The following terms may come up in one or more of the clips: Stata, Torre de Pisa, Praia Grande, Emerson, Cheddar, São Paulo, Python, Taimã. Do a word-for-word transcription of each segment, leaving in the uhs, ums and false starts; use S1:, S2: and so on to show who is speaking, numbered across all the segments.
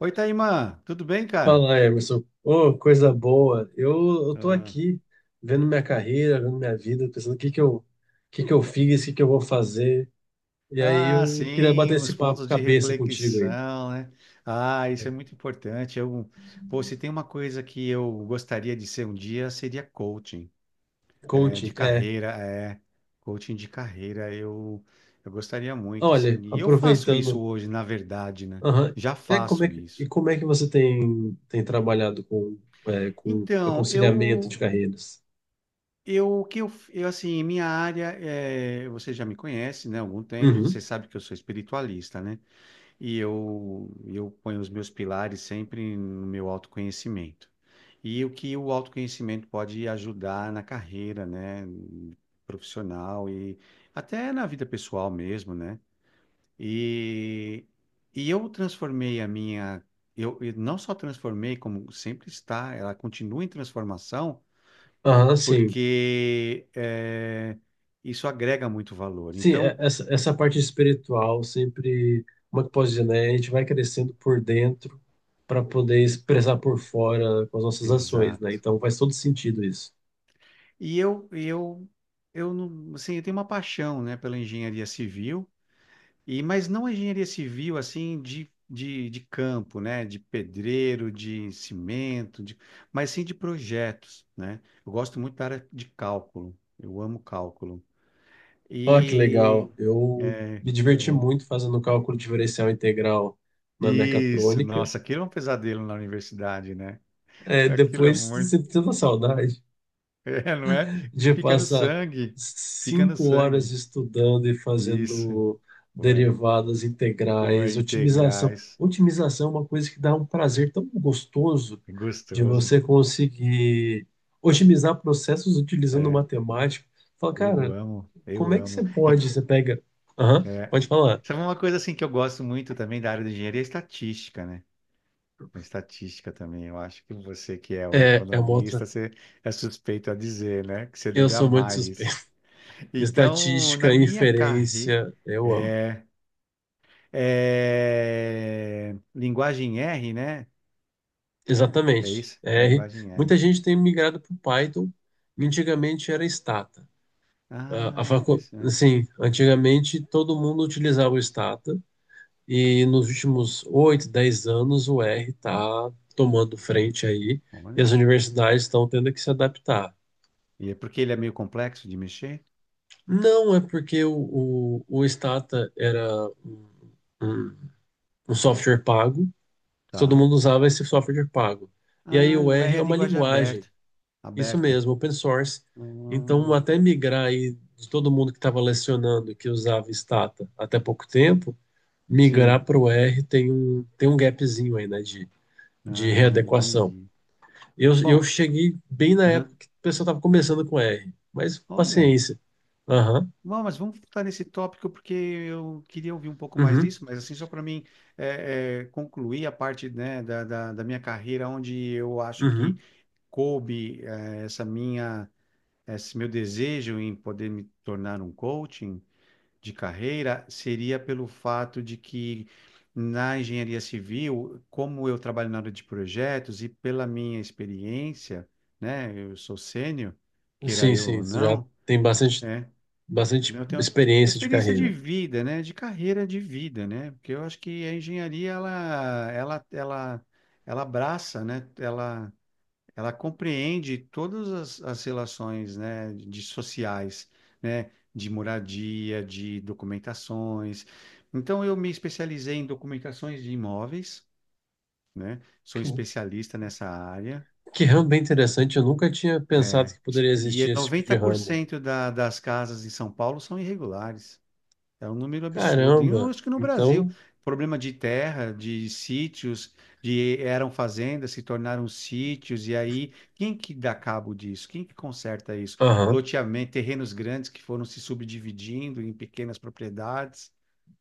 S1: Oi, Taimã, tudo bem, cara?
S2: Fala, Emerson. Ô, coisa boa. Eu, eu tô
S1: Ah,
S2: aqui vendo minha carreira, vendo minha vida, pensando o que que eu, o que que eu fiz, o que que eu vou fazer. E aí
S1: ah,
S2: eu queria
S1: sim,
S2: bater
S1: os
S2: esse papo
S1: pontos de
S2: cabeça contigo aí.
S1: reflexão, né? Ah, isso
S2: É,
S1: é muito importante. Eu, pô, se tem uma coisa que eu gostaria de ser um dia, seria coaching, é,
S2: conte.
S1: de
S2: É,
S1: carreira, é, coaching de carreira, eu, eu gostaria muito, sim.
S2: olha,
S1: E eu faço isso
S2: aproveitando.
S1: hoje, na verdade, né?
S2: Aham.
S1: Já
S2: É, como é
S1: faço
S2: que, e
S1: isso.
S2: como é que você tem, tem trabalhado com, é, com
S1: Então,
S2: aconselhamento de
S1: eu,
S2: carreiras?
S1: eu, o que eu, eu, assim, minha área, é, você já me conhece, né, há algum tempo, você
S2: Uhum.
S1: sabe que eu sou espiritualista, né? E eu, eu ponho os meus pilares sempre no meu autoconhecimento. E o que o autoconhecimento pode ajudar na carreira, né, profissional e até na vida pessoal mesmo, né? E, e eu transformei a minha, eu, eu não só transformei, como sempre está, ela continua em transformação,
S2: Aham, sim.
S1: porque eh, isso agrega muito valor.
S2: Sim, é-
S1: Então,
S2: essa, essa parte espiritual sempre, como é que eu posso dizer, né? A gente vai crescendo por dentro para poder expressar por fora com as nossas ações, né?
S1: exato.
S2: Então faz todo sentido isso.
S1: E eu, eu, eu, não- assim, eu tenho uma paixão, né, pela engenharia civil, e mas não a engenharia civil assim de, de, de campo, né, de pedreiro, de cimento, de, mas sim de projetos, né? Eu gosto muito da área de cálculo. Eu amo cálculo.
S2: Ah, que
S1: E
S2: legal. Eu
S1: é,
S2: me diverti
S1: eu amo
S2: muito fazendo cálculo diferencial integral na
S1: isso.
S2: mecatrônica.
S1: Nossa, aquilo é um pesadelo na universidade, né?
S2: É,
S1: Aquilo é
S2: depois você
S1: muito,
S2: sinto saudade
S1: é, não é? E
S2: de
S1: fica no
S2: passar
S1: sangue. Fica no
S2: cinco horas
S1: sangue.
S2: estudando e
S1: Isso.
S2: fazendo
S1: Foi.
S2: derivadas
S1: Pô,
S2: integrais, otimização.
S1: integrais,
S2: Otimização é uma coisa que dá um prazer tão gostoso de
S1: gostoso.
S2: você conseguir otimizar processos utilizando
S1: É,
S2: matemática. Fala,
S1: eu
S2: cara,
S1: amo,
S2: como
S1: eu
S2: é que você
S1: amo. E,
S2: pode? Você pega. Aham,
S1: é,
S2: pode falar.
S1: sabe uma coisa assim que eu gosto muito também da área de engenharia é estatística, né? A estatística também. Eu acho que você que é o
S2: É, é uma
S1: economista,
S2: outra.
S1: você é suspeito a dizer, né? Que você
S2: Eu
S1: deve
S2: sou muito
S1: amar isso.
S2: suspeito.
S1: Então, na
S2: Estatística,
S1: minha carreira,
S2: inferência, eu amo.
S1: é, é, linguagem R, né? É
S2: Exatamente.
S1: isso?
S2: R.
S1: Linguagem R.
S2: Muita gente tem migrado para o Python. E antigamente era Stata. A, a
S1: Ah,
S2: facu...
S1: interessante.
S2: Assim, antigamente todo mundo utilizava o Stata e nos últimos oito, dez anos o R está tomando frente aí, e as
S1: Olha.
S2: universidades estão tendo que se adaptar.
S1: E é porque ele é meio complexo de mexer?
S2: Não é porque o, o, o Stata era um, um um software pago, todo
S1: Tá.
S2: mundo usava esse software pago. E aí
S1: Ah,
S2: o
S1: o
S2: R
S1: R
S2: é
S1: é
S2: uma
S1: linguagem
S2: linguagem.
S1: aberta.
S2: Isso
S1: Aberta.
S2: mesmo, open source. Então,
S1: Ah,
S2: até migrar aí de todo mundo que estava lecionando que usava Stata até pouco tempo, migrar
S1: sim.
S2: para o R tem um, tem um gapzinho aí, né, de, de
S1: Ah,
S2: readequação.
S1: entendi.
S2: Eu, eu
S1: Bom,
S2: cheguei bem na época
S1: aham.
S2: que o pessoal estava começando com R, mas
S1: Olha,
S2: paciência. Aham,
S1: bom, mas vamos voltar nesse tópico porque eu queria ouvir um pouco mais
S2: uhum,
S1: disso, mas assim, só para mim é, é, concluir a parte, né, da, da, da minha carreira, onde eu acho que
S2: uhum.
S1: coube é, essa minha, esse meu desejo em poder me tornar um coaching de carreira seria pelo fato de que na engenharia civil, como eu trabalho na área de projetos e pela minha experiência, né, eu sou sênior, queira
S2: Sim,
S1: eu
S2: sim,
S1: ou
S2: já
S1: não,
S2: tem bastante,
S1: é,
S2: bastante
S1: eu tenho
S2: experiência de
S1: experiência de
S2: carreira.
S1: vida, né, de carreira de vida, né, porque eu acho que a engenharia ela ela ela ela abraça, né, ela ela compreende todas as, as relações, né, de sociais, né, de moradia, de documentações. Então, eu me especializei em documentações de imóveis, né, sou
S2: Que,
S1: especialista nessa área.
S2: que ramo bem interessante, eu nunca tinha pensado
S1: É,
S2: que
S1: es-
S2: poderia
S1: e
S2: existir esse tipo de ramo.
S1: noventa por cento da, das casas em São Paulo são irregulares. É um número absurdo. E eu
S2: Caramba!
S1: acho que no Brasil,
S2: Então,
S1: problema de terra, de sítios, de eram fazendas, se tornaram sítios, e aí quem que dá cabo disso? Quem que conserta isso?
S2: aham.
S1: Loteamento, terrenos grandes que foram se subdividindo em pequenas propriedades,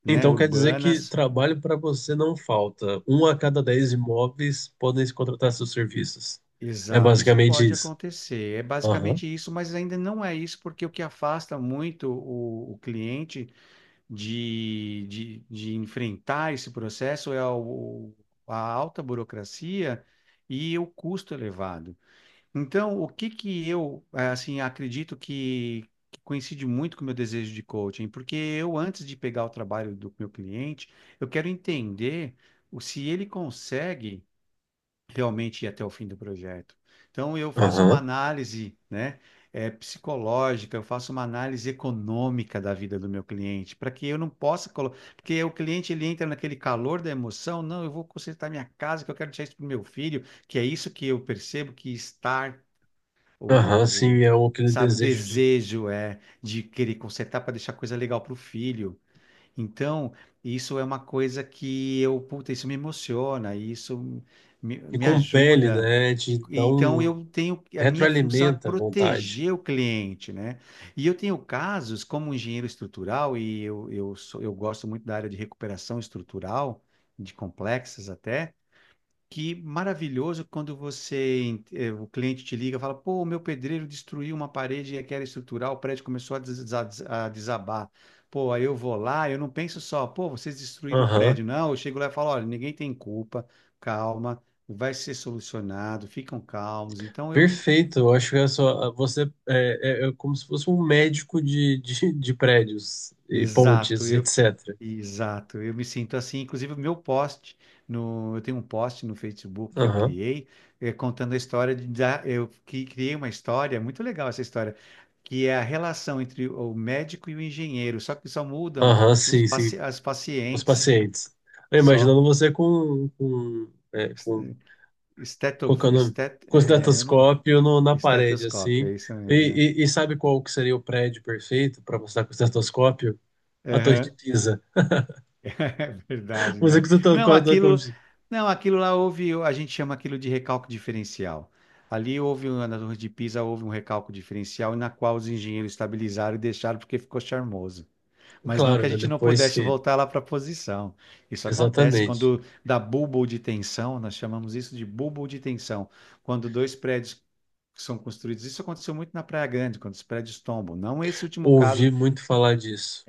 S1: né,
S2: Então quer dizer que
S1: urbanas.
S2: trabalho para você não falta. Um a cada dez imóveis podem se contratar seus serviços. É
S1: Exato, isso
S2: basicamente
S1: pode
S2: isso.
S1: acontecer. É
S2: Aham,
S1: basicamente isso, mas ainda não é isso, porque o que afasta muito o, o cliente de, de, de enfrentar esse processo é o- a alta burocracia e o custo elevado. Então, o que que eu, eh, assim, acredito que, que coincide muito com o meu desejo de coaching, porque eu, antes de pegar o trabalho do meu cliente, eu quero entender o- se ele consegue realmente ir até o fim do projeto. Então, eu faço uma
S2: aham,
S1: análise, né, é psicológica, eu faço uma análise econômica da vida do meu cliente, para que eu não possa colocar. Porque o cliente ele entra naquele calor da emoção, não, eu vou consertar minha casa, que eu quero deixar isso para o meu filho, que é isso que eu percebo que estar, o,
S2: aham.
S1: o,
S2: Sim,
S1: o-
S2: é o- aquele
S1: sabe, o
S2: desejo de
S1: desejo é de querer consertar para deixar coisa legal para o filho. Então, isso é uma coisa que eu, puta, isso me emociona, isso me,
S2: me
S1: me
S2: compele,
S1: ajuda.
S2: né?
S1: E,
S2: De dar
S1: e então,
S2: um
S1: eu tenho, a minha função é
S2: retroalimenta a vontade.
S1: proteger o cliente, né? E eu tenho casos como engenheiro estrutural, e eu, eu, sou, eu gosto muito da área de recuperação estrutural, de complexas até. Que maravilhoso quando você, eh, o cliente te liga e fala, pô, o meu pedreiro destruiu uma parede e era estrutural, o prédio começou a desa- a desabar. Pô, aí eu vou lá, eu não penso só, pô, vocês destruíram o
S2: Aham.
S1: prédio. Não, eu chego lá e falo, olha, ninguém tem culpa, calma, vai ser solucionado, ficam calmos. Então eu
S2: Perfeito. Eu acho que é só você é, é- é como se fosse um médico de, de, de prédios e
S1: Exato,
S2: pontes,
S1: eu,
S2: et cetera.
S1: exato, eu me sinto assim. Inclusive, o meu post no, eu tenho um post no Facebook que eu
S2: Aham,
S1: criei, eh, contando a história de, da, eu que criei uma história é muito legal essa história, que é a relação entre o médico e o engenheiro, só que só mudam
S2: aham,
S1: os
S2: sim, sim.
S1: paci as
S2: Os
S1: pacientes,
S2: pacientes. Eu
S1: só
S2: imaginando você com, com, é, com,
S1: Esteto,
S2: colocando
S1: estet,
S2: com o
S1: eh, eu não,
S2: estetoscópio no- na parede,
S1: estetoscópio,
S2: assim.
S1: é isso
S2: E,
S1: mesmo,
S2: e- e sabe qual que seria o prédio perfeito para mostrar com o estetoscópio? A Torre de
S1: né?
S2: Pisa.
S1: É verdade,
S2: Você com
S1: né?
S2: o
S1: Não,
S2: estetoscópio, como
S1: aquilo,
S2: se-
S1: não, aquilo lá houve, a gente chama aquilo de recalque diferencial. Ali houve, um- na Torre de Pisa, houve um recalque diferencial na qual os engenheiros estabilizaram e deixaram porque ficou charmoso. Mas não
S2: claro,
S1: que a
S2: né?
S1: gente não
S2: Depois
S1: pudesse
S2: que.
S1: voltar lá para a posição. Isso acontece
S2: Exatamente.
S1: quando dá bulbo de tensão, nós chamamos isso de bulbo de tensão. Quando dois prédios são construídos, isso aconteceu muito na Praia Grande, quando os prédios tombam. Não esse último caso
S2: Ouvi muito falar disso.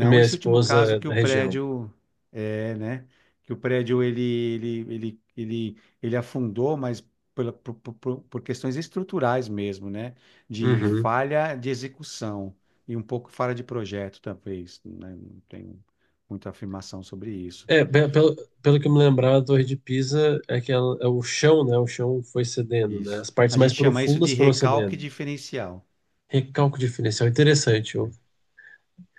S2: E minha
S1: esse último
S2: esposa
S1: caso
S2: é
S1: que o
S2: da região.
S1: prédio é, né? Que o prédio ele ele ele ele, ele afundou, mas pela, por, por, por por questões estruturais mesmo, né? De
S2: Uhum.
S1: falha de execução e um pouco falha de projeto, talvez, né? Não tenho muita afirmação sobre isso.
S2: É, pe- pelo, pelo que eu me lembrar, a Torre de Pisa é que ela- é o chão, né? O chão foi cedendo, né? As
S1: Isso.
S2: partes
S1: A
S2: mais
S1: gente chama isso
S2: profundas
S1: de
S2: foram
S1: recalque
S2: cedendo.
S1: diferencial.
S2: Recálculo diferencial, interessante. Ô.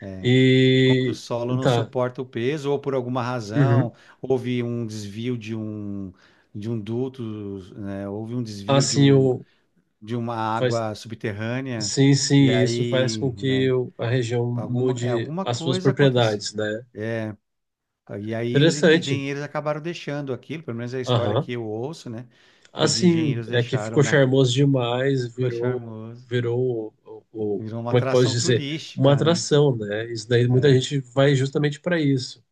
S1: É. É quando o
S2: E
S1: solo não
S2: tá.
S1: suporta o peso, ou por alguma
S2: Uhum.
S1: razão, houve um desvio de um, de um duto, né? Houve um desvio de
S2: Assim,
S1: um,
S2: o
S1: de uma
S2: faz
S1: água subterrânea,
S2: sim,
S1: e
S2: sim, isso faz
S1: aí,
S2: com que
S1: né?
S2: o- a região
S1: Alguma, é,
S2: mude
S1: alguma
S2: as suas
S1: coisa aconteceu.
S2: propriedades, né?
S1: E aí os
S2: Interessante.
S1: engenheiros acabaram deixando aquilo, pelo menos é a história
S2: Aham.
S1: que eu ouço, né? Que os
S2: Assim,
S1: engenheiros
S2: é que
S1: deixaram
S2: ficou
S1: na...
S2: charmoso demais,
S1: Ficou
S2: virou
S1: charmoso.
S2: virou o, o-
S1: Virou uma
S2: como é que posso
S1: atração
S2: dizer? Uma
S1: turística, né?
S2: atração, né? Isso daí muita
S1: É,
S2: gente vai justamente para isso.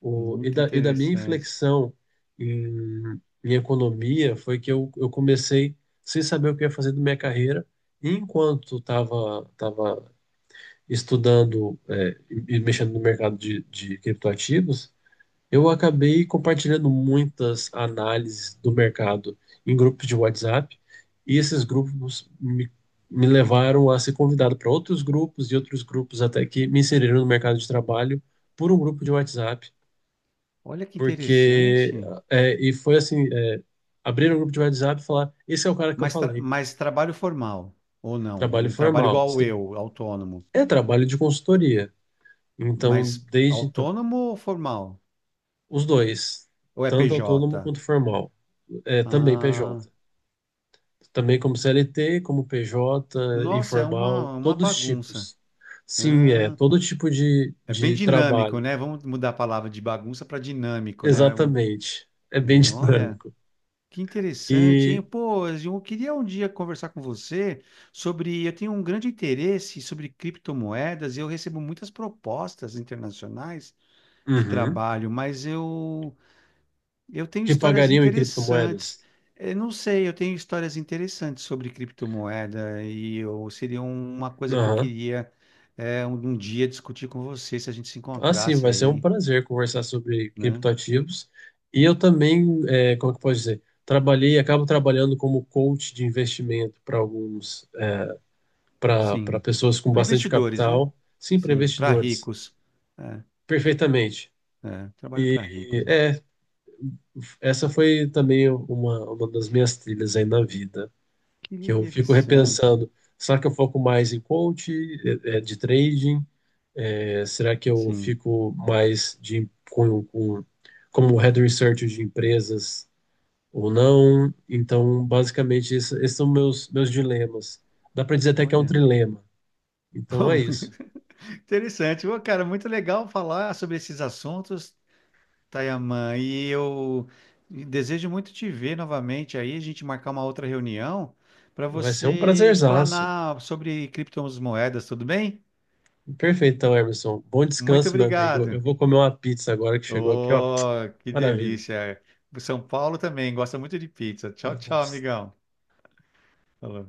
S2: O, e,
S1: muito
S2: da, e da minha
S1: interessante.
S2: inflexão em, em economia foi que eu, eu comecei sem saber o que ia fazer da minha carreira. E enquanto estava tava tava estudando é, e e mexendo no mercado de, de criptoativos, eu acabei compartilhando muitas análises do mercado em grupos de WhatsApp. E esses grupos me, me levaram a ser convidado para outros grupos e outros grupos até que me inseriram no mercado de trabalho por um grupo de WhatsApp
S1: Olha que
S2: porque
S1: interessante.
S2: é, e foi assim, é, abriram um grupo de WhatsApp e falar, esse é o cara que eu
S1: Mas, tra-
S2: falei,
S1: mas trabalho formal, ou não?
S2: trabalho
S1: Em trabalho
S2: formal,
S1: igual
S2: sim,
S1: eu, autônomo.
S2: é trabalho de consultoria, então
S1: Mas
S2: desde então
S1: autônomo ou formal?
S2: os dois,
S1: Ou é P
S2: tanto autônomo
S1: J
S2: quanto formal, é, também P J,
S1: Ah,
S2: também como C L T, como P J,
S1: nossa, é uma,
S2: informal,
S1: uma
S2: todos os
S1: bagunça.
S2: tipos, sim, é
S1: Ah,
S2: todo tipo de,
S1: é bem
S2: de
S1: dinâmico,
S2: trabalho,
S1: né? Vamos mudar a palavra de bagunça para dinâmico, né? É um-
S2: exatamente, é bem
S1: é, olha,
S2: dinâmico
S1: que interessante, hein?
S2: e
S1: Pô, eu queria um dia conversar com você sobre. Eu tenho um grande interesse sobre criptomoedas e eu recebo muitas propostas internacionais de
S2: uhum,
S1: trabalho, mas eu Eu tenho
S2: que
S1: histórias
S2: pagariam em
S1: interessantes.
S2: criptomoedas.
S1: Eu não sei, eu tenho histórias interessantes sobre criptomoeda e eu, seria uma coisa que eu queria é, um, um dia discutir com você se a gente se
S2: Ah, sim,
S1: encontrasse
S2: vai ser um
S1: aí,
S2: prazer conversar sobre
S1: né?
S2: criptoativos. E eu também, é, como que pode dizer, trabalhei, acabo trabalhando como coach de investimento para alguns, para para
S1: Sim.
S2: pessoas com
S1: Para
S2: bastante
S1: investidores, né?
S2: capital, sim, para
S1: Sim, para
S2: investidores,
S1: ricos. É,
S2: perfeitamente.
S1: é, trabalho
S2: E
S1: para ricos. Né?
S2: é, essa foi também uma, uma das minhas trilhas aí na vida,
S1: Que
S2: que eu fico
S1: interessante.
S2: repensando, será que eu foco mais em coach, é, é, de trading, será que eu
S1: Sim,
S2: fico mais de, com, com, como head researcher de empresas ou não? Então, basicamente, esse- esses são meus, meus dilemas. Dá para dizer até que é um
S1: olha.
S2: trilema. Então, é isso.
S1: Interessante. Ô, cara, muito legal falar sobre esses assuntos. Tayamã, e eu desejo muito te ver novamente aí, a gente marcar uma outra reunião para
S2: Vai ser um
S1: você
S2: prazerzaço.
S1: explanar sobre criptomoedas, tudo bem?
S2: Perfeito, então, Emerson. Bom
S1: Muito
S2: descanso, meu amigo. Eu, eu
S1: obrigado.
S2: vou comer uma pizza agora que chegou aqui, ó.
S1: Oh, que
S2: Maravilha.
S1: delícia. O São Paulo também gosta muito de pizza. Tchau, tchau,
S2: Nossa.
S1: amigão. Falou.